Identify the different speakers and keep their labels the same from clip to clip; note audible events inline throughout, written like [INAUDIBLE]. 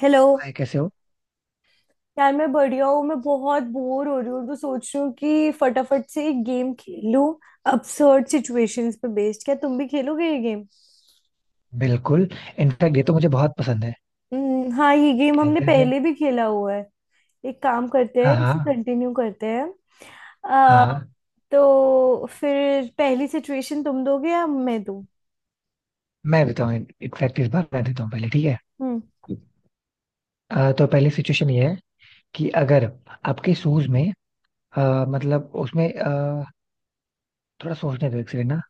Speaker 1: Hello.
Speaker 2: Hi, कैसे हो।
Speaker 1: यार, मैं बढ़िया हूँ। मैं बहुत बोर हो रही हूँ तो सोच रही हूँ कि फटाफट से एक गेम खेल लूँ। absurd सिचुएशंस पे बेस्ड, क्या तुम भी खेलोगे ये गेम?
Speaker 2: बिल्कुल। इनफैक्ट ये तो मुझे बहुत पसंद है।
Speaker 1: हम्म, हाँ, ये गेम हमने
Speaker 2: खेलते हैं फिर।
Speaker 1: पहले भी खेला हुआ है। एक काम करते
Speaker 2: हाँ
Speaker 1: हैं, इसे
Speaker 2: हाँ।
Speaker 1: कंटिन्यू करते हैं।
Speaker 2: हाँ
Speaker 1: आ,
Speaker 2: हाँ।
Speaker 1: तो फिर पहली सिचुएशन तुम दोगे या मैं दूँ?
Speaker 2: मैं देता हूँ, इनफैक्ट इस बार मैं देता हूँ पहले, ठीक है।
Speaker 1: हम्म।
Speaker 2: तो पहली सिचुएशन ये है कि अगर आपके शूज में मतलब उसमें थोड़ा सोचने दो एक सेकंड ना।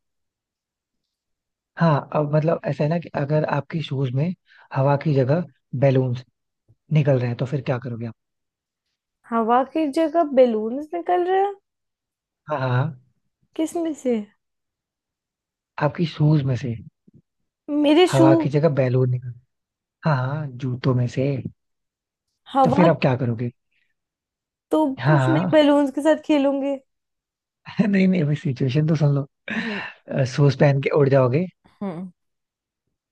Speaker 2: हाँ अब मतलब ऐसा है ना कि अगर आपके शूज में हवा की जगह बैलून्स निकल रहे हैं तो फिर क्या करोगे आप।
Speaker 1: हवा की जगह बेलून्स निकल रहे हैं?
Speaker 2: हाँ हाँ हाँ।
Speaker 1: किसमें से?
Speaker 2: आपकी शूज में से
Speaker 1: मेरे शू?
Speaker 2: हवा की जगह बैलून निकल। हाँ हाँ, जूतों में से। तो
Speaker 1: हवा?
Speaker 2: फिर आप क्या करोगे।
Speaker 1: तो
Speaker 2: हाँ
Speaker 1: कुछ नहीं,
Speaker 2: हाँ।
Speaker 1: बेलून्स के साथ खेलूंगे।
Speaker 2: [LAUGHS] नहीं नहीं, अभी सिचुएशन तो सुन लो।
Speaker 1: हम्म।
Speaker 2: सूज पहन के उड़ जाओगे,
Speaker 1: हम्म।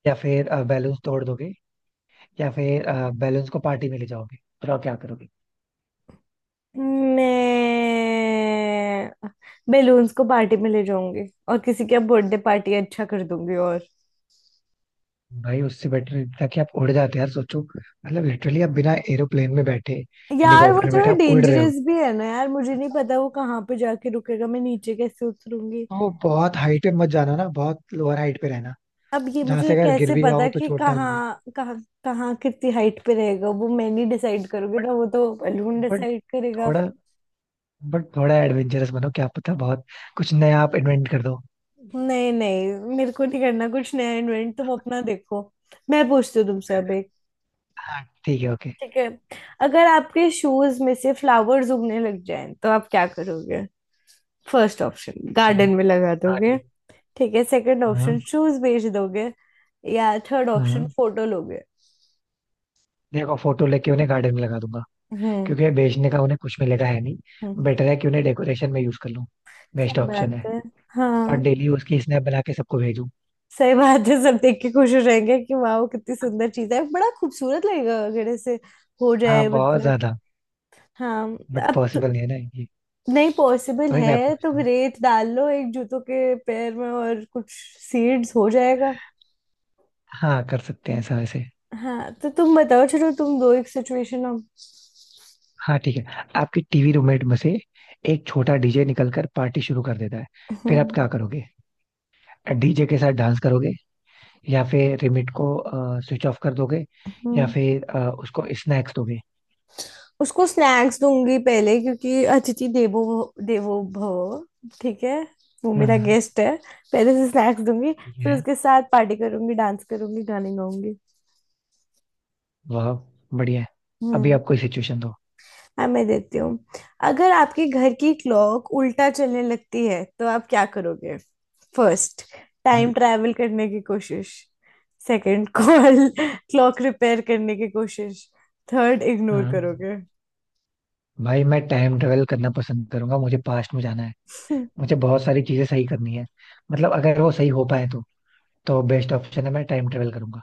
Speaker 2: या फिर बैलून्स तोड़ दोगे, या फिर बैलून्स को पार्टी में ले जाओगे। बताओ क्या करोगे।
Speaker 1: मैं बेलून्स को पार्टी में ले जाऊंगी और किसी के बर्थडे पार्टी अच्छा कर दूंगी, और।
Speaker 2: भाई उससे बेटर ये था कि आप उड़ जाते यार। सोचो मतलब लिटरली आप बिना एरोप्लेन में बैठे
Speaker 1: यार, वो
Speaker 2: हेलीकॉप्टर में
Speaker 1: थोड़ा
Speaker 2: बैठे आप उड़ रहे हो।
Speaker 1: डेंजरस भी है ना। यार, मुझे नहीं पता वो कहाँ पे जाके रुकेगा। मैं नीचे कैसे उतरूंगी?
Speaker 2: तो बहुत हाइट पे मत जाना ना, बहुत लोअर हाइट पे रहना
Speaker 1: अब ये
Speaker 2: जहां से
Speaker 1: मुझे
Speaker 2: अगर गिर
Speaker 1: कैसे
Speaker 2: भी
Speaker 1: पता
Speaker 2: जाओ तो
Speaker 1: कि
Speaker 2: चोट ना लगे।
Speaker 1: कहाँ कहाँ। कहाँ कितनी हाइट पे रहेगा वो, मैं नहीं डिसाइड करूंगी
Speaker 2: बट
Speaker 1: ना, वो तो बलून
Speaker 2: बट
Speaker 1: डिसाइड करेगा।
Speaker 2: थोड़ा बट थोड़ा एडवेंचरस बनो, क्या पता बहुत कुछ नया आप इन्वेंट कर दो।
Speaker 1: नहीं नहीं, मेरे को नहीं करना कुछ नया इन्वेंट, तुम अपना देखो। मैं पूछती हूँ तुमसे अब।
Speaker 2: हाँ ठीक है, ओके।
Speaker 1: ठीक है। अगर आपके शूज में से फ्लावर्स उगने लग जाएं तो आप क्या करोगे? फर्स्ट ऑप्शन, गार्डन में लगा
Speaker 2: हाँ
Speaker 1: दोगे।
Speaker 2: ठीक है।
Speaker 1: ठीक है, सेकंड ऑप्शन,
Speaker 2: हाँ
Speaker 1: शूज बेच दोगे। या थर्ड ऑप्शन,
Speaker 2: हाँ।
Speaker 1: फोटो लोगे।
Speaker 2: देखो फोटो लेके उन्हें गार्डन में लगा दूंगा,
Speaker 1: हम्म।
Speaker 2: क्योंकि बेचने का उन्हें कुछ मिलेगा है नहीं।
Speaker 1: हम्म।
Speaker 2: बेटर है कि उन्हें डेकोरेशन में यूज कर लूं, बेस्ट
Speaker 1: सही
Speaker 2: ऑप्शन
Speaker 1: बात
Speaker 2: है।
Speaker 1: है।
Speaker 2: और
Speaker 1: हाँ।
Speaker 2: डेली उसकी स्नैप बना के सबको भेजूं।
Speaker 1: सही बात है, सब देख के खुश हो जाएंगे कि वाह, कितनी सुंदर चीज है, बड़ा खूबसूरत लगेगा अगर ऐसे हो
Speaker 2: हाँ
Speaker 1: जाए,
Speaker 2: बहुत
Speaker 1: मतलब।
Speaker 2: ज्यादा।
Speaker 1: हाँ।
Speaker 2: बट
Speaker 1: अब तो।
Speaker 2: पॉसिबल नहीं है ना ये।
Speaker 1: नहीं, पॉसिबल
Speaker 2: अभी मैं
Speaker 1: है तो
Speaker 2: पूछता हूँ।
Speaker 1: रेत डाल लो एक जूतों के पैर में और कुछ सीड्स हो जाएगा।
Speaker 2: हाँ कर सकते हैं ऐसा वैसे।
Speaker 1: हाँ, तो तुम बताओ, चलो तुम दो एक सिचुएशन अब।
Speaker 2: हाँ ठीक है, आपकी टीवी रूममेट में से एक छोटा डीजे निकलकर पार्टी शुरू कर देता है। फिर आप
Speaker 1: हम्म।
Speaker 2: क्या करोगे। डीजे के साथ डांस करोगे, या फिर रिमिट को स्विच ऑफ कर दोगे, या
Speaker 1: हम्म।
Speaker 2: फिर उसको स्नैक्स दोगे।
Speaker 1: उसको स्नैक्स दूंगी पहले, क्योंकि अतिथि देवो देवो भव। ठीक है। वो मेरा
Speaker 2: हम्म।
Speaker 1: गेस्ट है। पहले से स्नैक्स दूंगी। फिर उसके साथ पार्टी करूंगी, डांस करूंगी, गाने गाऊंगी।
Speaker 2: वाह, बढ़िया है। अभी
Speaker 1: हम्म।
Speaker 2: आप कोई सिचुएशन दो।
Speaker 1: हाँ, मैं देती हूँ। अगर आपके घर की क्लॉक उल्टा चलने लगती है तो आप क्या करोगे? First, time
Speaker 2: hmm.
Speaker 1: ट्रैवल करने की कोशिश। सेकंड, कॉल क्लॉक रिपेयर करने की कोशिश। Third, ignore
Speaker 2: hmm.
Speaker 1: करोगे।
Speaker 2: भाई मैं टाइम ट्रेवल करना पसंद करूंगा, मुझे पास्ट में जाना है।
Speaker 1: [LAUGHS]
Speaker 2: मुझे बहुत सारी चीजें सही करनी है, मतलब अगर वो सही हो पाए तो। तो बेस्ट ऑप्शन है मैं टाइम ट्रेवल करूंगा।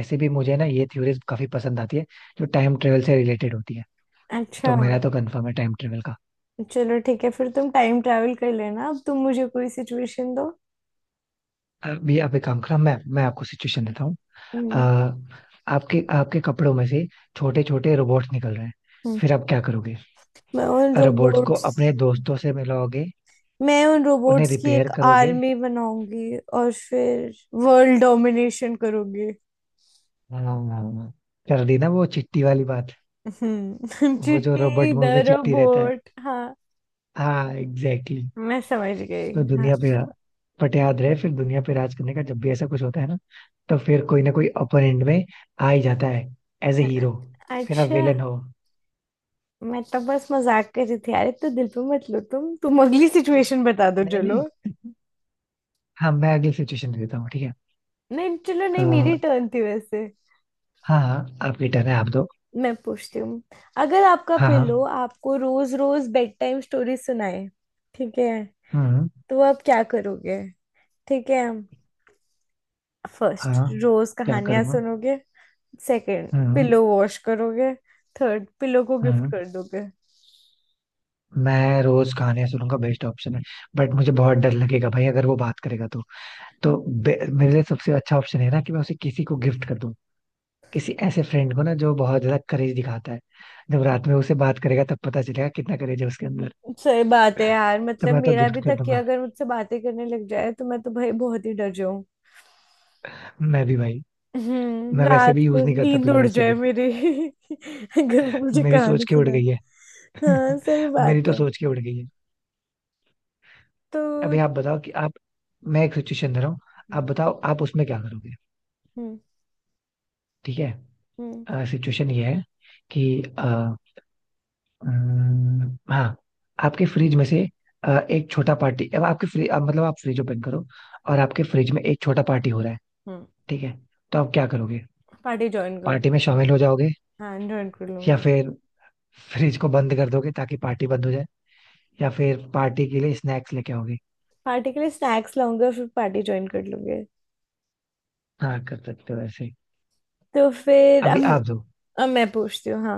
Speaker 2: ऐसे भी मुझे ना ये थ्योरीज काफी पसंद आती है जो टाइम ट्रेवल से रिलेटेड होती है। तो
Speaker 1: अच्छा,
Speaker 2: मेरा तो कंफर्म है टाइम ट्रेवल का।
Speaker 1: चलो ठीक है फिर तुम टाइम ट्रैवल कर लेना, अब तुम मुझे कोई सिचुएशन दो।
Speaker 2: अभी आप एक काम करो, मैं आपको सिचुएशन देता हूँ। अ,
Speaker 1: हम्म।
Speaker 2: आपके आपके कपड़ों में से छोटे छोटे रोबोट्स निकल रहे हैं।
Speaker 1: हम्म।
Speaker 2: फिर आप क्या करोगे।
Speaker 1: मैं उन
Speaker 2: रोबोट्स को
Speaker 1: रोबोट्स
Speaker 2: अपने दोस्तों से मिलाओगे,
Speaker 1: मैं उन
Speaker 2: उन्हें
Speaker 1: रोबोट्स की एक
Speaker 2: रिपेयर करोगे।
Speaker 1: आर्मी बनाऊंगी और फिर वर्ल्ड डोमिनेशन करूंगी।
Speaker 2: हाँ, कर दी ना वो चिट्टी वाली बात।
Speaker 1: हम्म। [LAUGHS]
Speaker 2: वो जो रोबोट
Speaker 1: चिट्टी द
Speaker 2: मूवी में चिट्टी रहता है।
Speaker 1: रोबोट। हाँ,
Speaker 2: हाँ एग्जैक्टली, exactly.
Speaker 1: मैं समझ
Speaker 2: तो
Speaker 1: गई। हाँ,
Speaker 2: दुनिया पे, बट याद रहे फिर दुनिया पे राज करने का जब भी ऐसा कुछ होता है ना, तो फिर कोई ना कोई अपर एंड में आ ही जाता है एज ए
Speaker 1: हाँ, हाँ।
Speaker 2: हीरो। फिर आप
Speaker 1: अच्छा।
Speaker 2: विलन हो।
Speaker 1: मैं तो बस मजाक कर रही थी। अरे तो दिल पे मत लो, तुम अगली सिचुएशन बता दो,
Speaker 2: नहीं
Speaker 1: चलो।
Speaker 2: नहीं। हाँ मैं अगली सिचुएशन दे देता हूँ ठीक है।
Speaker 1: नहीं, चलो
Speaker 2: अ,
Speaker 1: नहीं, मेरी टर्न थी वैसे।
Speaker 2: हाँ हाँ, आपकी टर्न है, आप दो।
Speaker 1: मैं पूछती हूँ। अगर आपका
Speaker 2: हाँ हाँ।
Speaker 1: पिल्लो आपको रोज रोज बेड टाइम स्टोरी सुनाए, ठीक है,
Speaker 2: हम्म।
Speaker 1: तो आप क्या करोगे? ठीक है। फर्स्ट,
Speaker 2: हाँ,
Speaker 1: रोज
Speaker 2: क्या
Speaker 1: कहानियां
Speaker 2: करूँगा।
Speaker 1: सुनोगे। Second,
Speaker 2: hmm.
Speaker 1: पिलो वॉश करोगे। थर्ड, पिलो को गिफ्ट
Speaker 2: हम्म।
Speaker 1: कर दोगे।
Speaker 2: मैं रोज खाने सुनूंगा, बेस्ट ऑप्शन है। बट मुझे बहुत डर लगेगा भाई, अगर वो बात करेगा तो। तो मेरे लिए सबसे अच्छा ऑप्शन है ना कि मैं उसे किसी को गिफ्ट कर दूं। किसी ऐसे फ्रेंड को ना जो बहुत ज्यादा करेज दिखाता है, जब रात में उसे बात करेगा तब पता चलेगा कितना करेज है उसके अंदर।
Speaker 1: सही बात है यार,
Speaker 2: तो
Speaker 1: मतलब
Speaker 2: मैं तो
Speaker 1: मेरा
Speaker 2: गिफ्ट
Speaker 1: भी
Speaker 2: कर
Speaker 1: तकिया
Speaker 2: दूंगा।
Speaker 1: अगर मुझसे बातें करने लग जाए तो मैं तो भाई बहुत ही डर जाऊं।
Speaker 2: मैं भी भाई। मैं वैसे
Speaker 1: रात
Speaker 2: भी
Speaker 1: को
Speaker 2: यूज नहीं करता
Speaker 1: नींद
Speaker 2: पिलो
Speaker 1: उड़
Speaker 2: ऐसे
Speaker 1: जाए
Speaker 2: भी।
Speaker 1: मेरी। [LAUGHS] अगर वो मुझे
Speaker 2: मेरी सोच
Speaker 1: कहानी
Speaker 2: के उड़
Speaker 1: सुनाए।
Speaker 2: गई है।
Speaker 1: हाँ, सही बात
Speaker 2: मेरी तो
Speaker 1: है।
Speaker 2: सोच के उड़ गई है।
Speaker 1: तो।
Speaker 2: अभी आप बताओ कि आप, मैं एक सिचुएशन दे रहा हूँ। आप
Speaker 1: हम्म,
Speaker 2: बताओ आप उसमें क्या करोगे, ठीक है।
Speaker 1: हम्म,
Speaker 2: सिचुएशन ये है कि हाँ, आपके फ्रिज में से एक छोटा पार्टी, अब आपके फ्रिज, अब मतलब आप फ्रिज ओपन करो और आपके फ्रिज में एक छोटा पार्टी हो रहा है,
Speaker 1: हम्म।
Speaker 2: ठीक है। तो आप क्या करोगे।
Speaker 1: पार्टी ज्वाइन कर।
Speaker 2: पार्टी में शामिल हो जाओगे,
Speaker 1: हाँ, ज्वाइन कर
Speaker 2: या
Speaker 1: लूंगी।
Speaker 2: फिर फ्रिज को बंद कर दोगे ताकि पार्टी बंद हो जाए, या फिर पार्टी के लिए स्नैक्स लेके आओगे।
Speaker 1: पार्टी के लिए स्नैक्स लाऊंगा फिर पार्टी ज्वाइन कर लूंगी।
Speaker 2: हाँ कर सकते हो ऐसे।
Speaker 1: तो फिर
Speaker 2: अभी
Speaker 1: अब।
Speaker 2: आप दो।
Speaker 1: अब मैं पूछती हूँ, हाँ।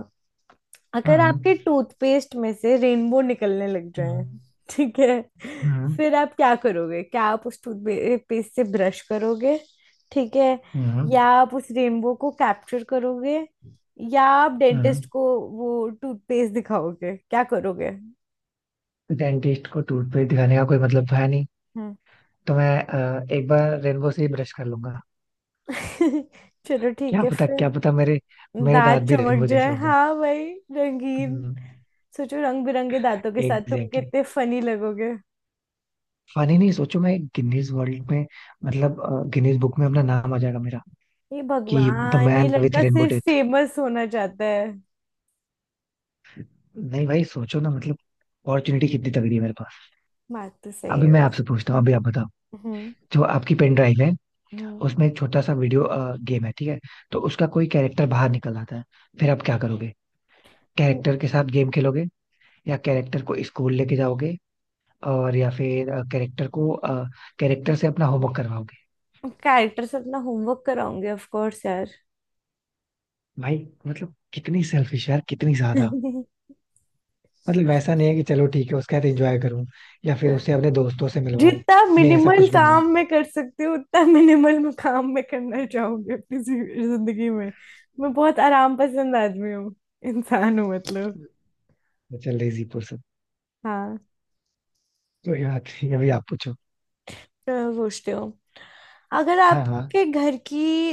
Speaker 1: अगर
Speaker 2: हम्म।
Speaker 1: आपके टूथपेस्ट में से रेनबो निकलने लग जाए,
Speaker 2: हम्म।
Speaker 1: ठीक है,
Speaker 2: हम्म।
Speaker 1: फिर आप क्या करोगे? क्या आप उस टूथपेस्ट से ब्रश करोगे? ठीक है।
Speaker 2: हम्म।
Speaker 1: या आप उस रेनबो को कैप्चर करोगे? या आप
Speaker 2: हम्म।
Speaker 1: डेंटिस्ट को वो टूथपेस्ट दिखाओगे? क्या करोगे?
Speaker 2: डेंटिस्ट को टूथपेस्ट दिखाने का कोई मतलब तो है नहीं।
Speaker 1: हम्म।
Speaker 2: तो मैं एक बार रेनबो से ही ब्रश कर लूंगा।
Speaker 1: [LAUGHS] चलो ठीक
Speaker 2: क्या
Speaker 1: है
Speaker 2: पता,
Speaker 1: फिर।
Speaker 2: क्या पता मेरे मेरे
Speaker 1: दांत
Speaker 2: दांत भी
Speaker 1: चमक
Speaker 2: रेनबो जैसे
Speaker 1: जाए,
Speaker 2: हो जाए।
Speaker 1: हाँ भाई, रंगीन। सोचो, रंग बिरंगे दांतों के साथ तुम
Speaker 2: एग्जैक्टली।
Speaker 1: कितने फनी लगोगे।
Speaker 2: फनी नहीं, सोचो मैं गिनीज वर्ल्ड में, मतलब गिनीज बुक में अपना नाम आ जाएगा मेरा।
Speaker 1: ये
Speaker 2: कि द
Speaker 1: भगवान! ये
Speaker 2: मैन विथ
Speaker 1: लड़का
Speaker 2: रेनबो
Speaker 1: सिर्फ
Speaker 2: टेथ।
Speaker 1: फेमस होना चाहता है।
Speaker 2: नहीं भाई सोचो ना, मतलब अपॉर्चुनिटी कितनी तगड़ी है मेरे पास।
Speaker 1: बात तो सही
Speaker 2: अभी
Speaker 1: है
Speaker 2: मैं आपसे
Speaker 1: वैसे।
Speaker 2: पूछता हूँ, अभी आप बताओ।
Speaker 1: हम्म।
Speaker 2: जो आपकी पेन ड्राइव है,
Speaker 1: हम्म।
Speaker 2: उसमें एक छोटा सा वीडियो गेम है, ठीक है। तो उसका कोई कैरेक्टर बाहर निकल आता है। फिर आप क्या करोगे। कैरेक्टर के साथ गेम खेलोगे, या कैरेक्टर को स्कूल लेके जाओगे, और या फिर कैरेक्टर को, कैरेक्टर से अपना होमवर्क करवाओगे।
Speaker 1: कैरेक्टर्स अपना होमवर्क कराऊंगी, ऑफ कोर्स यार।
Speaker 2: भाई, मतलब कितनी सेल्फिश यार, कितनी ज्यादा।
Speaker 1: [LAUGHS]
Speaker 2: मतलब वैसा नहीं है कि चलो ठीक है उसके साथ एंजॉय करूं, या फिर उसे अपने दोस्तों से मिलवाऊं।
Speaker 1: जितना
Speaker 2: नहीं ऐसा
Speaker 1: मिनिमल
Speaker 2: कुछ भी नहीं
Speaker 1: काम मैं कर सकती हूँ उतना मिनिमल मैं काम मैं करना चाहूंगी अपनी जिंदगी में। मैं बहुत आराम पसंद आदमी हूँ, इंसान हूँ मतलब।
Speaker 2: है। चल रही पर्सन।
Speaker 1: हाँ,
Speaker 2: तो यार ठीक है, अभी आप पूछो।
Speaker 1: तो पूछते हो। अगर
Speaker 2: हाँ हाँ।
Speaker 1: आपके घर की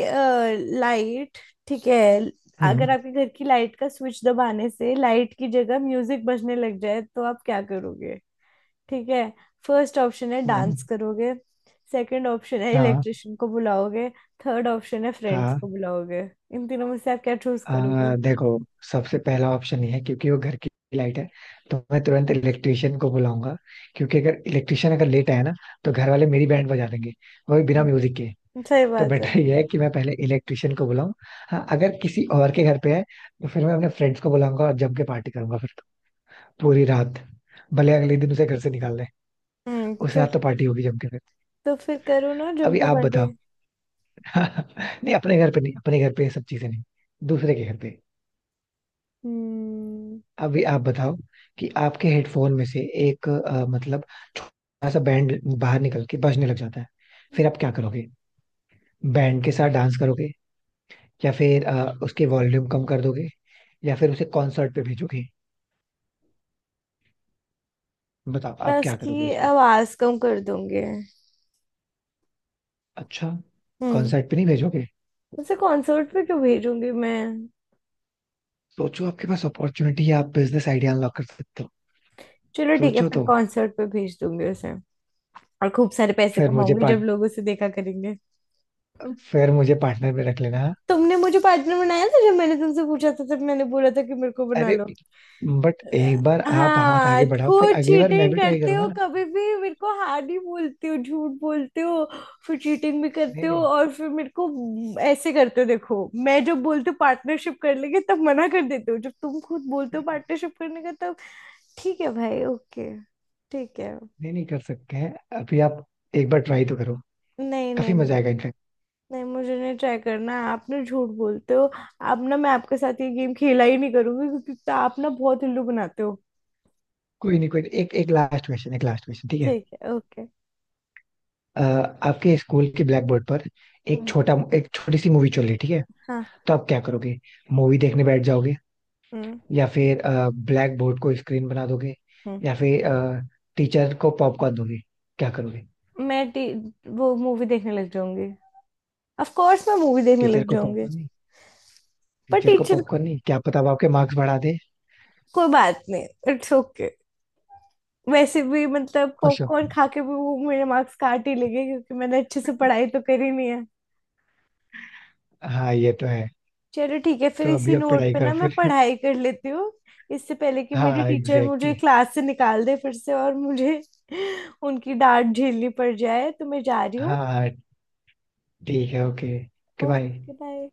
Speaker 1: लाइट। ठीक है।
Speaker 2: हम्म।
Speaker 1: अगर आपके घर की लाइट का स्विच दबाने से लाइट की जगह म्यूजिक बजने लग जाए तो आप क्या करोगे? ठीक है। फर्स्ट ऑप्शन है,
Speaker 2: हम्म।
Speaker 1: डांस करोगे। सेकंड ऑप्शन है,
Speaker 2: हाँ।
Speaker 1: इलेक्ट्रिशियन को बुलाओगे। थर्ड ऑप्शन है, फ्रेंड्स
Speaker 2: हाँ
Speaker 1: को बुलाओगे। इन तीनों में से आप क्या चूज करोगे?
Speaker 2: हाँ, देखो सबसे पहला ऑप्शन ये है क्योंकि वो घर की लाइट है, तो मैं तुरंत इलेक्ट्रिशियन को बुलाऊंगा। क्योंकि अगर इलेक्ट्रिशियन अगर लेट आया ना, तो घर वाले मेरी बैंड बजा देंगे, वो भी बिना
Speaker 1: हम्म।
Speaker 2: म्यूजिक के।
Speaker 1: सही
Speaker 2: तो
Speaker 1: बात है।
Speaker 2: बेटर ये है कि मैं पहले इलेक्ट्रिशियन को बुलाऊं। हाँ अगर किसी और के घर पे है तो फिर मैं अपने फ्रेंड्स को बुलाऊंगा और जम के पार्टी करूंगा फिर तो, पूरी रात। भले अगले दिन उसे घर से निकाल दें,
Speaker 1: हम्म,
Speaker 2: उस
Speaker 1: चल।
Speaker 2: रात तो पार्टी होगी जम के फिर।
Speaker 1: तो फिर करो ना
Speaker 2: अभी
Speaker 1: झुमके
Speaker 2: आप
Speaker 1: पार्टी।
Speaker 2: बताओ। [LAUGHS] नहीं अपने घर पे नहीं, अपने घर पे ये सब चीजें नहीं, दूसरे के घर पे।
Speaker 1: हम्म।
Speaker 2: अभी आप बताओ कि आपके हेडफोन में से एक मतलब छोटा सा बैंड बाहर निकल के बजने लग जाता है। फिर आप क्या करोगे। बैंड के साथ डांस करोगे, या फिर उसके वॉल्यूम कम कर दोगे, या फिर उसे कॉन्सर्ट पे भेजोगे। बताओ
Speaker 1: मैं
Speaker 2: आप क्या करोगे
Speaker 1: उसकी
Speaker 2: उसमें।
Speaker 1: आवाज कम कर दूंगी।
Speaker 2: अच्छा,
Speaker 1: हम्म।
Speaker 2: कॉन्सर्ट पे नहीं भेजोगे।
Speaker 1: उसे कॉन्सर्ट पे क्यों भेजूंगी मैं?
Speaker 2: सोचो आपके पास अपॉर्चुनिटी है, आप बिजनेस आइडिया अनलॉक कर सकते हो।
Speaker 1: चलो ठीक है,
Speaker 2: सोचो
Speaker 1: फिर
Speaker 2: तो।
Speaker 1: कॉन्सर्ट पे भेज दूंगी उसे, और खूब सारे पैसे
Speaker 2: फिर मुझे
Speaker 1: कमाऊंगी जब
Speaker 2: पार्ट
Speaker 1: लोग उसे देखा करेंगे।
Speaker 2: फिर मुझे पार्टनर में रख लेना।
Speaker 1: तुमने मुझे पार्टनर बनाया था? जब मैंने तुमसे पूछा था तब मैंने बोला था कि मेरे को बना
Speaker 2: अरे,
Speaker 1: लो।
Speaker 2: बट एक बार आप हाथ
Speaker 1: हाँ,
Speaker 2: आगे बढ़ाओ फिर
Speaker 1: खुद
Speaker 2: अगली बार मैं
Speaker 1: चीटिंग
Speaker 2: भी ट्राई
Speaker 1: करते हो,
Speaker 2: करूंगा ना।
Speaker 1: कभी भी मेरे को हाँ नहीं बोलते हो, झूठ बोलते हो। फिर चीटिंग भी
Speaker 2: नहीं
Speaker 1: करते हो,
Speaker 2: नहीं।
Speaker 1: और फिर मेरे को ऐसे करते हो। देखो, मैं जब बोलती हूँ पार्टनरशिप कर लेंगे तब मना कर देते हो, जब तुम खुद बोलते हो पार्टनरशिप करने का तब। ठीक है भाई, ओके। ठीक है।
Speaker 2: नहीं नहीं, कर सकते हैं। अभी आप एक बार ट्राई तो करो,
Speaker 1: नहीं।
Speaker 2: काफी
Speaker 1: नहीं
Speaker 2: मजा आएगा इनफैक्ट।
Speaker 1: नहीं मुझे नहीं ट्राई करना है, आप ना झूठ बोलते हो। अब ना मैं आपके साथ ये गेम खेला ही नहीं करूंगी, क्योंकि तो आप ना बहुत उल्लू बनाते हो।
Speaker 2: कोई नहीं कोई नहीं, एक, एक लास्ट क्वेश्चन, एक लास्ट क्वेश्चन, ठीक है।
Speaker 1: ठीक है, ओके।
Speaker 2: अ, आपके स्कूल के ब्लैक बोर्ड पर
Speaker 1: हम्म।
Speaker 2: एक छोटी सी मूवी चल रही है, ठीक है।
Speaker 1: हाँ।
Speaker 2: तो आप क्या करोगे। मूवी देखने बैठ जाओगे,
Speaker 1: हम्म।
Speaker 2: या फिर ब्लैक बोर्ड को स्क्रीन बना दोगे,
Speaker 1: हम्म।
Speaker 2: या फिर टीचर को पॉपकॉर्न दोगे। क्या करोगे।
Speaker 1: मैं टी वो मूवी देखने लग जाऊंगी। ऑफ कोर्स मैं मूवी देखने
Speaker 2: टीचर
Speaker 1: लग
Speaker 2: को
Speaker 1: जाऊंगी।
Speaker 2: पॉपकॉर्न नहीं।
Speaker 1: पर
Speaker 2: टीचर को
Speaker 1: टीचर को।
Speaker 2: पॉपकॉर्न नहीं, क्या पता वो आपके मार्क्स बढ़ा दे।
Speaker 1: कोई बात नहीं। It's okay. वैसे भी मतलब
Speaker 2: खुश हो।
Speaker 1: पॉपकॉर्न खा के भी वो मेरे मार्क्स काट ही लेंगे, क्योंकि मैंने अच्छे से पढ़ाई तो करी नहीं है।
Speaker 2: हाँ ये तो है।
Speaker 1: चलो ठीक है, फिर
Speaker 2: तो
Speaker 1: इसी
Speaker 2: अभी आप
Speaker 1: नोट
Speaker 2: पढ़ाई
Speaker 1: पे ना
Speaker 2: करो
Speaker 1: मैं
Speaker 2: फिर।
Speaker 1: पढ़ाई कर लेती हूँ, इससे पहले कि
Speaker 2: [LAUGHS]
Speaker 1: मेरी
Speaker 2: हाँ
Speaker 1: टीचर मुझे
Speaker 2: एग्जैक्टली।
Speaker 1: क्लास से निकाल दे फिर से, और मुझे [LAUGHS] उनकी डांट झेलनी पड़ जाए, तो मैं जा रही हूँ।
Speaker 2: हाँ हाँ, ठीक है, okay okay, bye.
Speaker 1: Okay, bye.